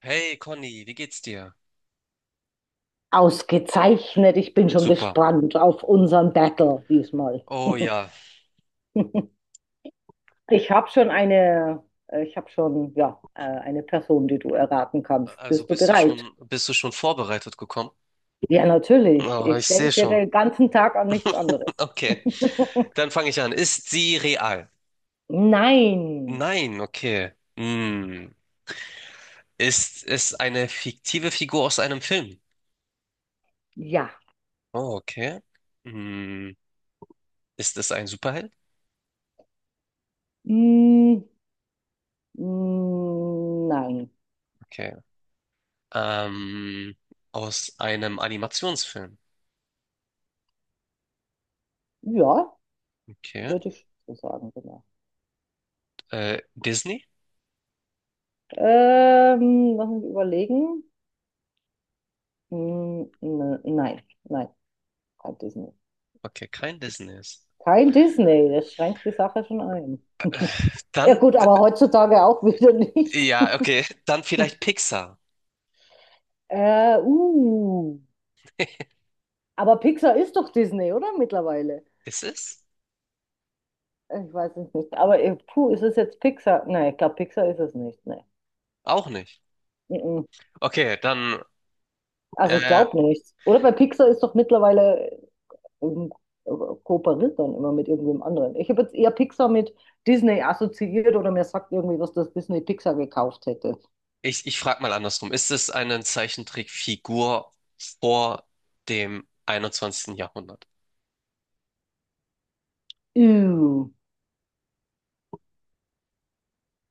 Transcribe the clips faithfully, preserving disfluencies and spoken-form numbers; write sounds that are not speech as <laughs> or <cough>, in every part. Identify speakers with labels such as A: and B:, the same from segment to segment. A: Hey Conny, wie geht's dir?
B: Ausgezeichnet. Ich bin schon
A: Super.
B: gespannt auf unseren Battle diesmal.
A: Oh ja,
B: <laughs> Ich habe schon eine, äh, ich habe schon, ja, äh, eine Person, die du erraten kannst.
A: also
B: Bist du
A: bist du
B: bereit?
A: schon, bist du schon vorbereitet gekommen?
B: Ja, natürlich.
A: Oh, ich
B: Ich
A: sehe
B: denke
A: schon.
B: den ganzen Tag an nichts anderes.
A: <laughs> Okay,
B: <laughs>
A: dann fange ich an. Ist sie real?
B: Nein.
A: Nein, okay. Hm. Ist es eine fiktive Figur aus einem Film?
B: Ja.
A: Oh, okay. Hm. Ist es ein Superheld?
B: Mm, mm, nein.
A: Okay. Ähm, aus einem Animationsfilm?
B: Ja,
A: Okay.
B: würde ich so sagen, genau.
A: Äh, Disney?
B: Ähm, lass mich überlegen. Mm, ne- nein, nein, kein Disney.
A: Okay, kein Disney ist.
B: Kein Disney, das schränkt die Sache schon ein. <laughs> Ja
A: Dann,
B: gut,
A: d-
B: aber heutzutage auch <laughs> wieder nicht.
A: ja, okay, <laughs> dann vielleicht Pixar.
B: Äh, uh. Aber Pixar ist doch Disney, oder? Mittlerweile.
A: Ist es?
B: Ich weiß es nicht. Aber äh, puh, ist es jetzt Pixar? Nein, ich glaube, Pixar ist es nicht. Nee.
A: Auch nicht.
B: Mhm.
A: Okay, dann
B: Also ich
A: äh,
B: glaube nicht. Oder bei Pixar ist doch mittlerweile ähm, kooperiert dann immer mit irgendwem anderen. Ich habe jetzt eher Pixar mit Disney assoziiert oder mir sagt irgendwie, was das Disney Pixar gekauft hätte.
A: ich, ich frage mal andersrum. Ist es eine Zeichentrickfigur vor dem einundzwanzigsten Jahrhundert?
B: Ew.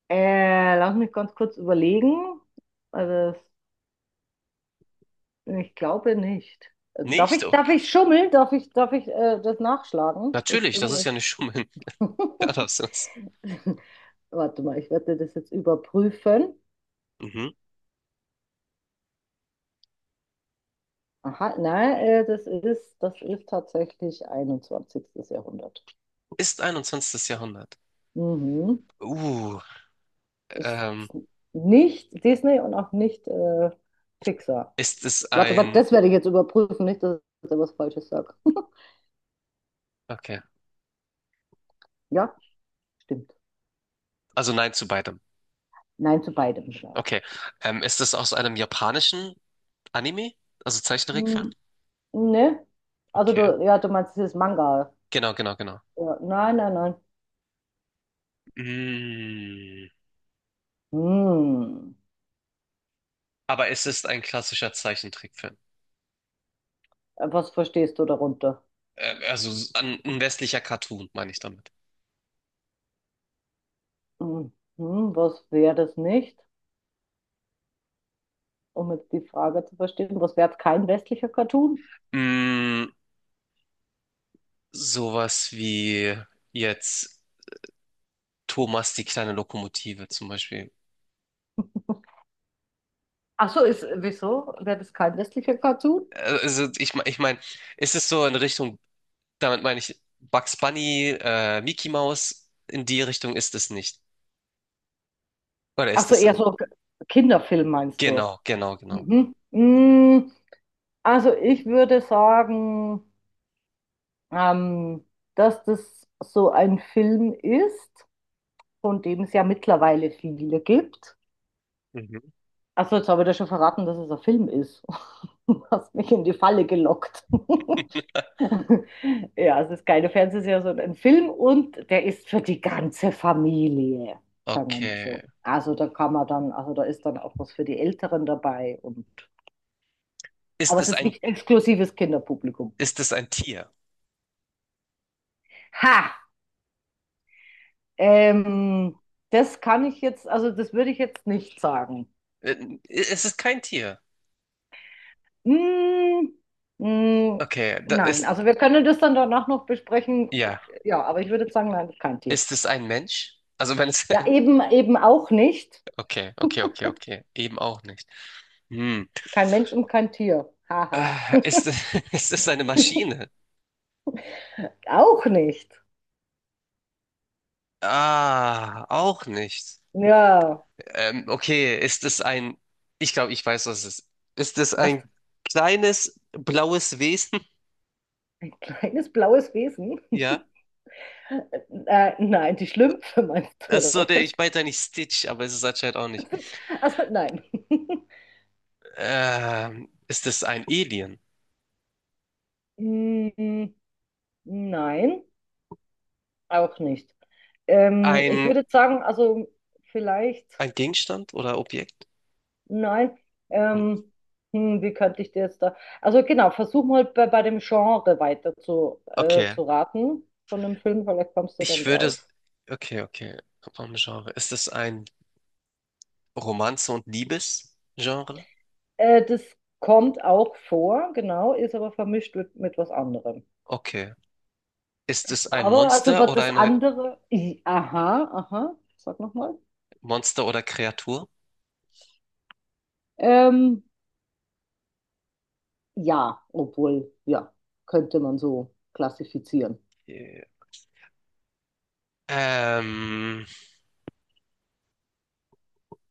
B: Äh, lass mich ganz kurz überlegen. Also, das- ich glaube nicht. Äh, Darf
A: Nicht?
B: ich, darf
A: Okay.
B: ich schummeln? Darf ich, darf ich äh, das nachschlagen? Ich
A: Natürlich,
B: bin
A: das
B: mir
A: ist ja nicht Schummeln.
B: nicht.
A: <laughs> Ja,
B: <laughs>
A: das ist.
B: Warte mal, ich werde das jetzt überprüfen.
A: Mhm.
B: Aha, nein, äh, das ist, das ist tatsächlich einundzwanzigste. Jahrhundert.
A: Ist einundzwanzigstes Jahrhundert.
B: Mhm.
A: Uh,
B: Ist
A: ähm,
B: nicht Disney und auch nicht äh, Pixar.
A: ist es
B: Warte, warte,
A: ein.
B: das werde ich jetzt überprüfen, nicht, dass ich da was Falsches sage. <laughs>
A: Okay,
B: Ja, stimmt.
A: also nein zu beidem.
B: Nein zu beidem.
A: Okay, ähm, ist es aus einem japanischen Anime? Also Zeichentrickfilm?
B: Hm, ne? Also
A: Okay.
B: du, ja, du meinst dieses Manga.
A: Genau, genau, genau.
B: Ja, nein, nein, nein.
A: Mm.
B: Hm.
A: Aber es ist ein klassischer Zeichentrickfilm.
B: Äh, Was verstehst du darunter?
A: Äh, Also s- ein, ein westlicher Cartoon, meine ich damit.
B: Hm, hm, was wäre das nicht? Um jetzt die Frage zu verstehen, was wäre kein westlicher Cartoon?
A: Mm, sowas wie jetzt Thomas die kleine Lokomotive zum Beispiel.
B: Ach so, ist, wieso wäre das kein westlicher Cartoon?
A: Äh, Also ich, me- ich meine, es ist so in Richtung, damit meine ich Bugs Bunny, äh, Mickey Mouse, in die Richtung ist es nicht. Oder
B: Ach
A: ist
B: so,
A: es
B: eher
A: in?
B: so K- Kinderfilm meinst du?
A: Genau, genau, genau.
B: Mhm. Mm, also ich würde sagen, ähm, dass das so ein Film ist, von dem es ja mittlerweile viele gibt.
A: Mhm.
B: Also jetzt habe ich dir schon verraten, dass es ein Film ist. <laughs> Du hast mich in die Falle gelockt. <laughs>
A: <laughs>
B: Ja, es ist keine Fernsehserie, sondern ein Film und der ist für die ganze Familie, sagen wir mal
A: Okay.
B: so. Also da kann man dann, also da ist dann auch was für die Älteren dabei. Und, aber
A: Ist
B: es
A: es
B: ist
A: ein,
B: nicht exklusives Kinderpublikum.
A: ist es ein Tier?
B: Ha! Ähm, das kann ich jetzt, also das würde ich jetzt nicht sagen.
A: Äh, Es ist kein Tier.
B: Hm, hm,
A: Okay, da
B: nein,
A: ist,
B: also wir können das dann danach noch besprechen.
A: ja.
B: Ja, aber ich würde sagen, nein, kein Tier.
A: Ist es ein Mensch? Also wenn es...
B: Ja,
A: <laughs>
B: eben, eben auch nicht.
A: Okay, okay, okay, okay. Eben auch nicht. Hm.
B: Kein Mensch und kein Tier. Haha.
A: Äh, Ist, <laughs> ist es eine Maschine?
B: Auch nicht.
A: Ah, auch nicht.
B: Ja,
A: Ähm, okay, ist es ein... Ich glaube, ich weiß, was es ist. Ist es
B: was?
A: ein kleines blaues Wesen? <laughs>
B: Ein kleines blaues Wesen?
A: Ja.
B: <laughs> Äh, nein, die Schlümpfe meinst du, oder
A: Achso, der,
B: was?
A: ich meinte nicht Stitch, aber es ist anscheinend auch nicht.
B: Also nein. <laughs>
A: Ähm, ist es ein Alien?
B: Mm, nein, auch nicht. Ähm, ich
A: Ein,
B: würde sagen, also vielleicht.
A: ein Gegenstand oder Objekt?
B: Nein. Ähm, hm, wie könnte ich dir jetzt da. Also genau, versuch mal bei, bei dem Genre weiter zu, äh,
A: Okay.
B: zu raten von dem Film, vielleicht kommst du dann
A: Ich würde...
B: drauf.
A: Okay, okay. Vom Genre. Ist es ein Romanze und Liebesgenre?
B: Äh, das kommt auch vor, genau, ist aber vermischt mit, mit was anderem.
A: Okay. Ist es ein
B: Aber also
A: Monster
B: was
A: oder
B: das
A: eine
B: andere. I, aha, aha, sag nochmal.
A: Monster oder Kreatur?
B: Ähm, ja, obwohl, ja, könnte man so klassifizieren.
A: Okay. Ähm,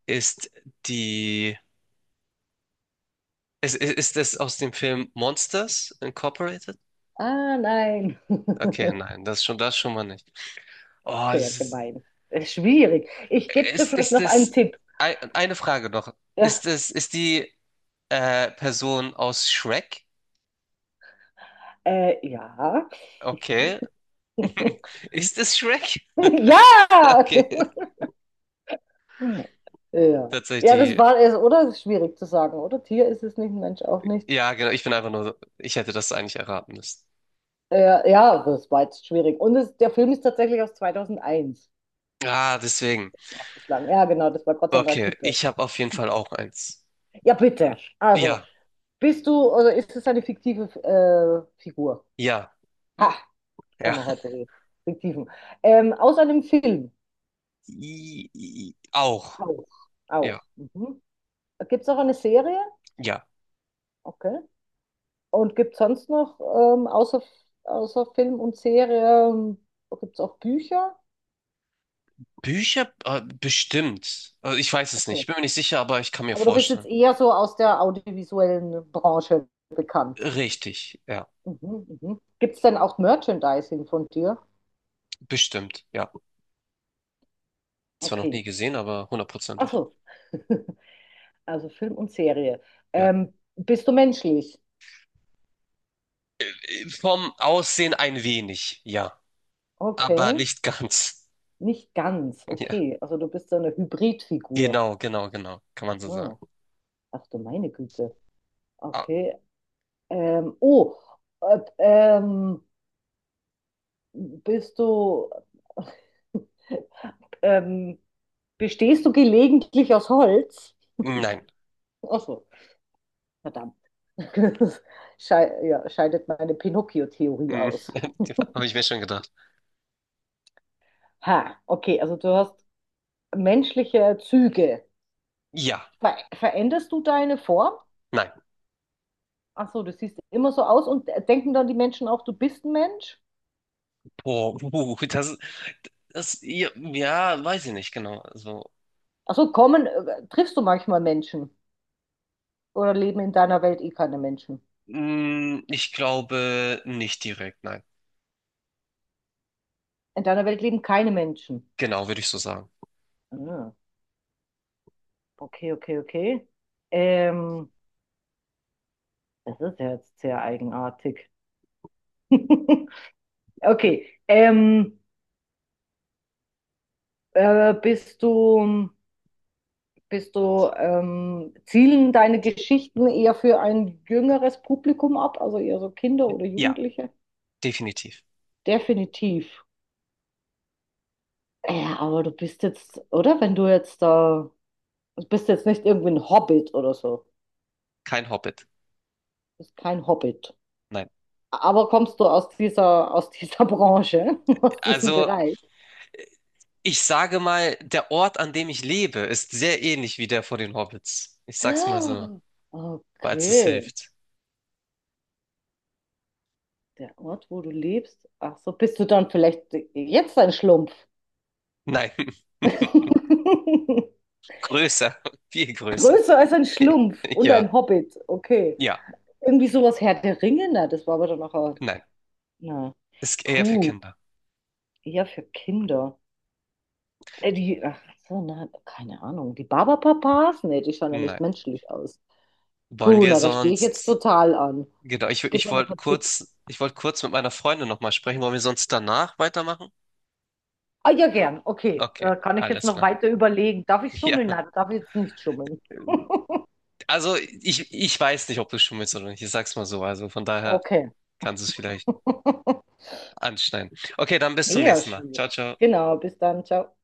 A: ist die ist, ist, ist es aus dem Film Monsters Incorporated?
B: Ah, nein.
A: Okay,
B: <laughs>
A: nein, das schon das schon mal nicht. Oh,
B: Sehr
A: es ist
B: gemein. Äh, Schwierig. Ich gebe dir
A: ist,
B: vielleicht
A: ist
B: noch einen
A: es
B: Tipp.
A: ei- eine Frage noch. Ist
B: <laughs>
A: es ist die äh, Person aus Shrek?
B: Äh, ja.
A: Okay. <laughs>
B: <laughs>
A: Ist es Shrek?
B: Ja!
A: <laughs> Okay.
B: Ja. Ja, das
A: Tatsächlich
B: war es, oder? Das ist schwierig zu sagen, oder? Tier ist es nicht, Mensch auch nicht.
A: ja, genau. Ich bin einfach nur, so, ich hätte das eigentlich erraten müssen.
B: Äh, ja, das war jetzt schwierig. Und es, der Film ist tatsächlich aus zweitausendeins,
A: Ah, deswegen.
B: nachgeschlagen. Ja, genau, das war Gott an der
A: Okay,
B: Kippe.
A: ich habe auf jeden Fall auch eins.
B: Ja, bitte. Also,
A: Ja,
B: bist du, oder ist es eine fiktive äh, Figur?
A: ja,
B: Ha, jetzt haben
A: ja.
B: wir heute die fiktiven. Ähm, aus einem Film.
A: <laughs> I, i, auch.
B: Auch.
A: Ja,
B: Auch. Mhm. Gibt es auch eine Serie?
A: ja.
B: Okay. Und gibt es sonst noch, ähm, außer, außer Film und Serie, gibt es auch Bücher?
A: Bücher? Äh, bestimmt. Also ich weiß es nicht.
B: Okay.
A: Ich bin mir nicht sicher, aber ich kann mir
B: Aber du bist jetzt
A: vorstellen.
B: eher so aus der audiovisuellen Branche bekannt.
A: Richtig, ja.
B: Mhm, mhm. Gibt es denn auch Merchandising von dir?
A: Bestimmt, ja. Zwar noch nie
B: Okay.
A: gesehen, aber
B: Ach
A: hundertprozentig.
B: so. <laughs> Also Film und Serie.
A: Ja.
B: Ähm, bist du menschlich?
A: Äh, vom Aussehen ein wenig, ja. Aber
B: Okay.
A: nicht ganz.
B: Nicht ganz.
A: <laughs> Ja.
B: Okay. Also du bist so eine Hybridfigur.
A: Genau, genau, genau. Kann man so sagen.
B: Ah, ach du meine Güte.
A: Ah,
B: Okay. Ähm, oh, äh, ähm, Bist du, <laughs> ähm, bestehst du gelegentlich aus Holz?
A: nein.
B: Ach so, verdammt. <laughs> Schei ja, scheidet meine Pinocchio-Theorie
A: Mhm.
B: aus.
A: <laughs> Habe ich mir schon gedacht.
B: Ha, okay, also du hast menschliche Züge.
A: Ja,
B: Ver veränderst du deine Form?
A: nein.
B: Ach so, du siehst immer so aus und äh, denken dann die Menschen auch, du bist ein Mensch?
A: Oh, uh, das, das, ja, ja, weiß ich nicht genau. Also,
B: Ach so, kommen, äh, triffst du manchmal Menschen? Oder leben in deiner Welt eh keine Menschen?
A: mm, ich glaube nicht direkt, nein.
B: In deiner Welt leben keine Menschen.
A: Genau, würde ich so sagen.
B: Ah. Okay, okay, okay. Ähm, das ist ja jetzt sehr eigenartig. <laughs> Okay. Ähm, äh, bist du, bist du, ähm, zielen deine Geschichten eher für ein jüngeres Publikum ab, also eher so Kinder oder
A: Ja,
B: Jugendliche?
A: definitiv.
B: Definitiv. Ja, aber du bist jetzt, oder? Wenn du jetzt da, du bist jetzt nicht irgendwie ein Hobbit oder so. Du
A: Kein Hobbit.
B: bist kein Hobbit.
A: Nein.
B: Aber kommst du aus dieser, aus dieser <laughs> Branche, aus diesem
A: Also,
B: Bereich?
A: ich sage mal, der Ort, an dem ich lebe, ist sehr ähnlich wie der vor den Hobbits. Ich sag's mal so,
B: Ah,
A: falls es
B: okay,
A: hilft.
B: der Ort, wo du lebst. Ach so, bist du dann vielleicht jetzt ein Schlumpf?
A: Nein,
B: <laughs>
A: <laughs> größer, viel größer.
B: Größer als ein
A: <laughs>
B: Schlumpf und
A: Ja,
B: ein Hobbit. Okay.
A: ja,
B: Irgendwie sowas Herr der Ringe, na, das war aber dann auch. Ein-
A: nein.
B: na.
A: Ist eher für
B: Puh,
A: Kinder.
B: eher für Kinder. Äh, die, ach so, na, keine Ahnung. Die Barbapapas? Nee, die schauen ja
A: Nein.
B: nicht menschlich aus.
A: Wollen
B: Puh,
A: wir
B: na, da stehe ich jetzt
A: sonst.
B: total an.
A: Genau, ich,
B: Gib
A: ich
B: mir noch
A: wollte
B: einen Tipp.
A: kurz, ich wollte kurz mit meiner Freundin nochmal sprechen. Wollen wir sonst danach weitermachen?
B: Ah, ja, gern. Okay.
A: Okay,
B: Äh, kann ich jetzt
A: alles
B: noch
A: klar.
B: weiter überlegen. Darf ich
A: <laughs> Ja,
B: schummeln? Nein, darf ich jetzt nicht schummeln.
A: also ich, ich weiß nicht, ob du schummelst oder nicht. Ich sag's mal so. Also von daher
B: Okay.
A: kannst du es vielleicht
B: <laughs>
A: anschneiden. Okay, dann bis zum
B: Eher
A: nächsten Mal. Ciao,
B: schwierig.
A: ciao.
B: Genau, bis dann. Ciao.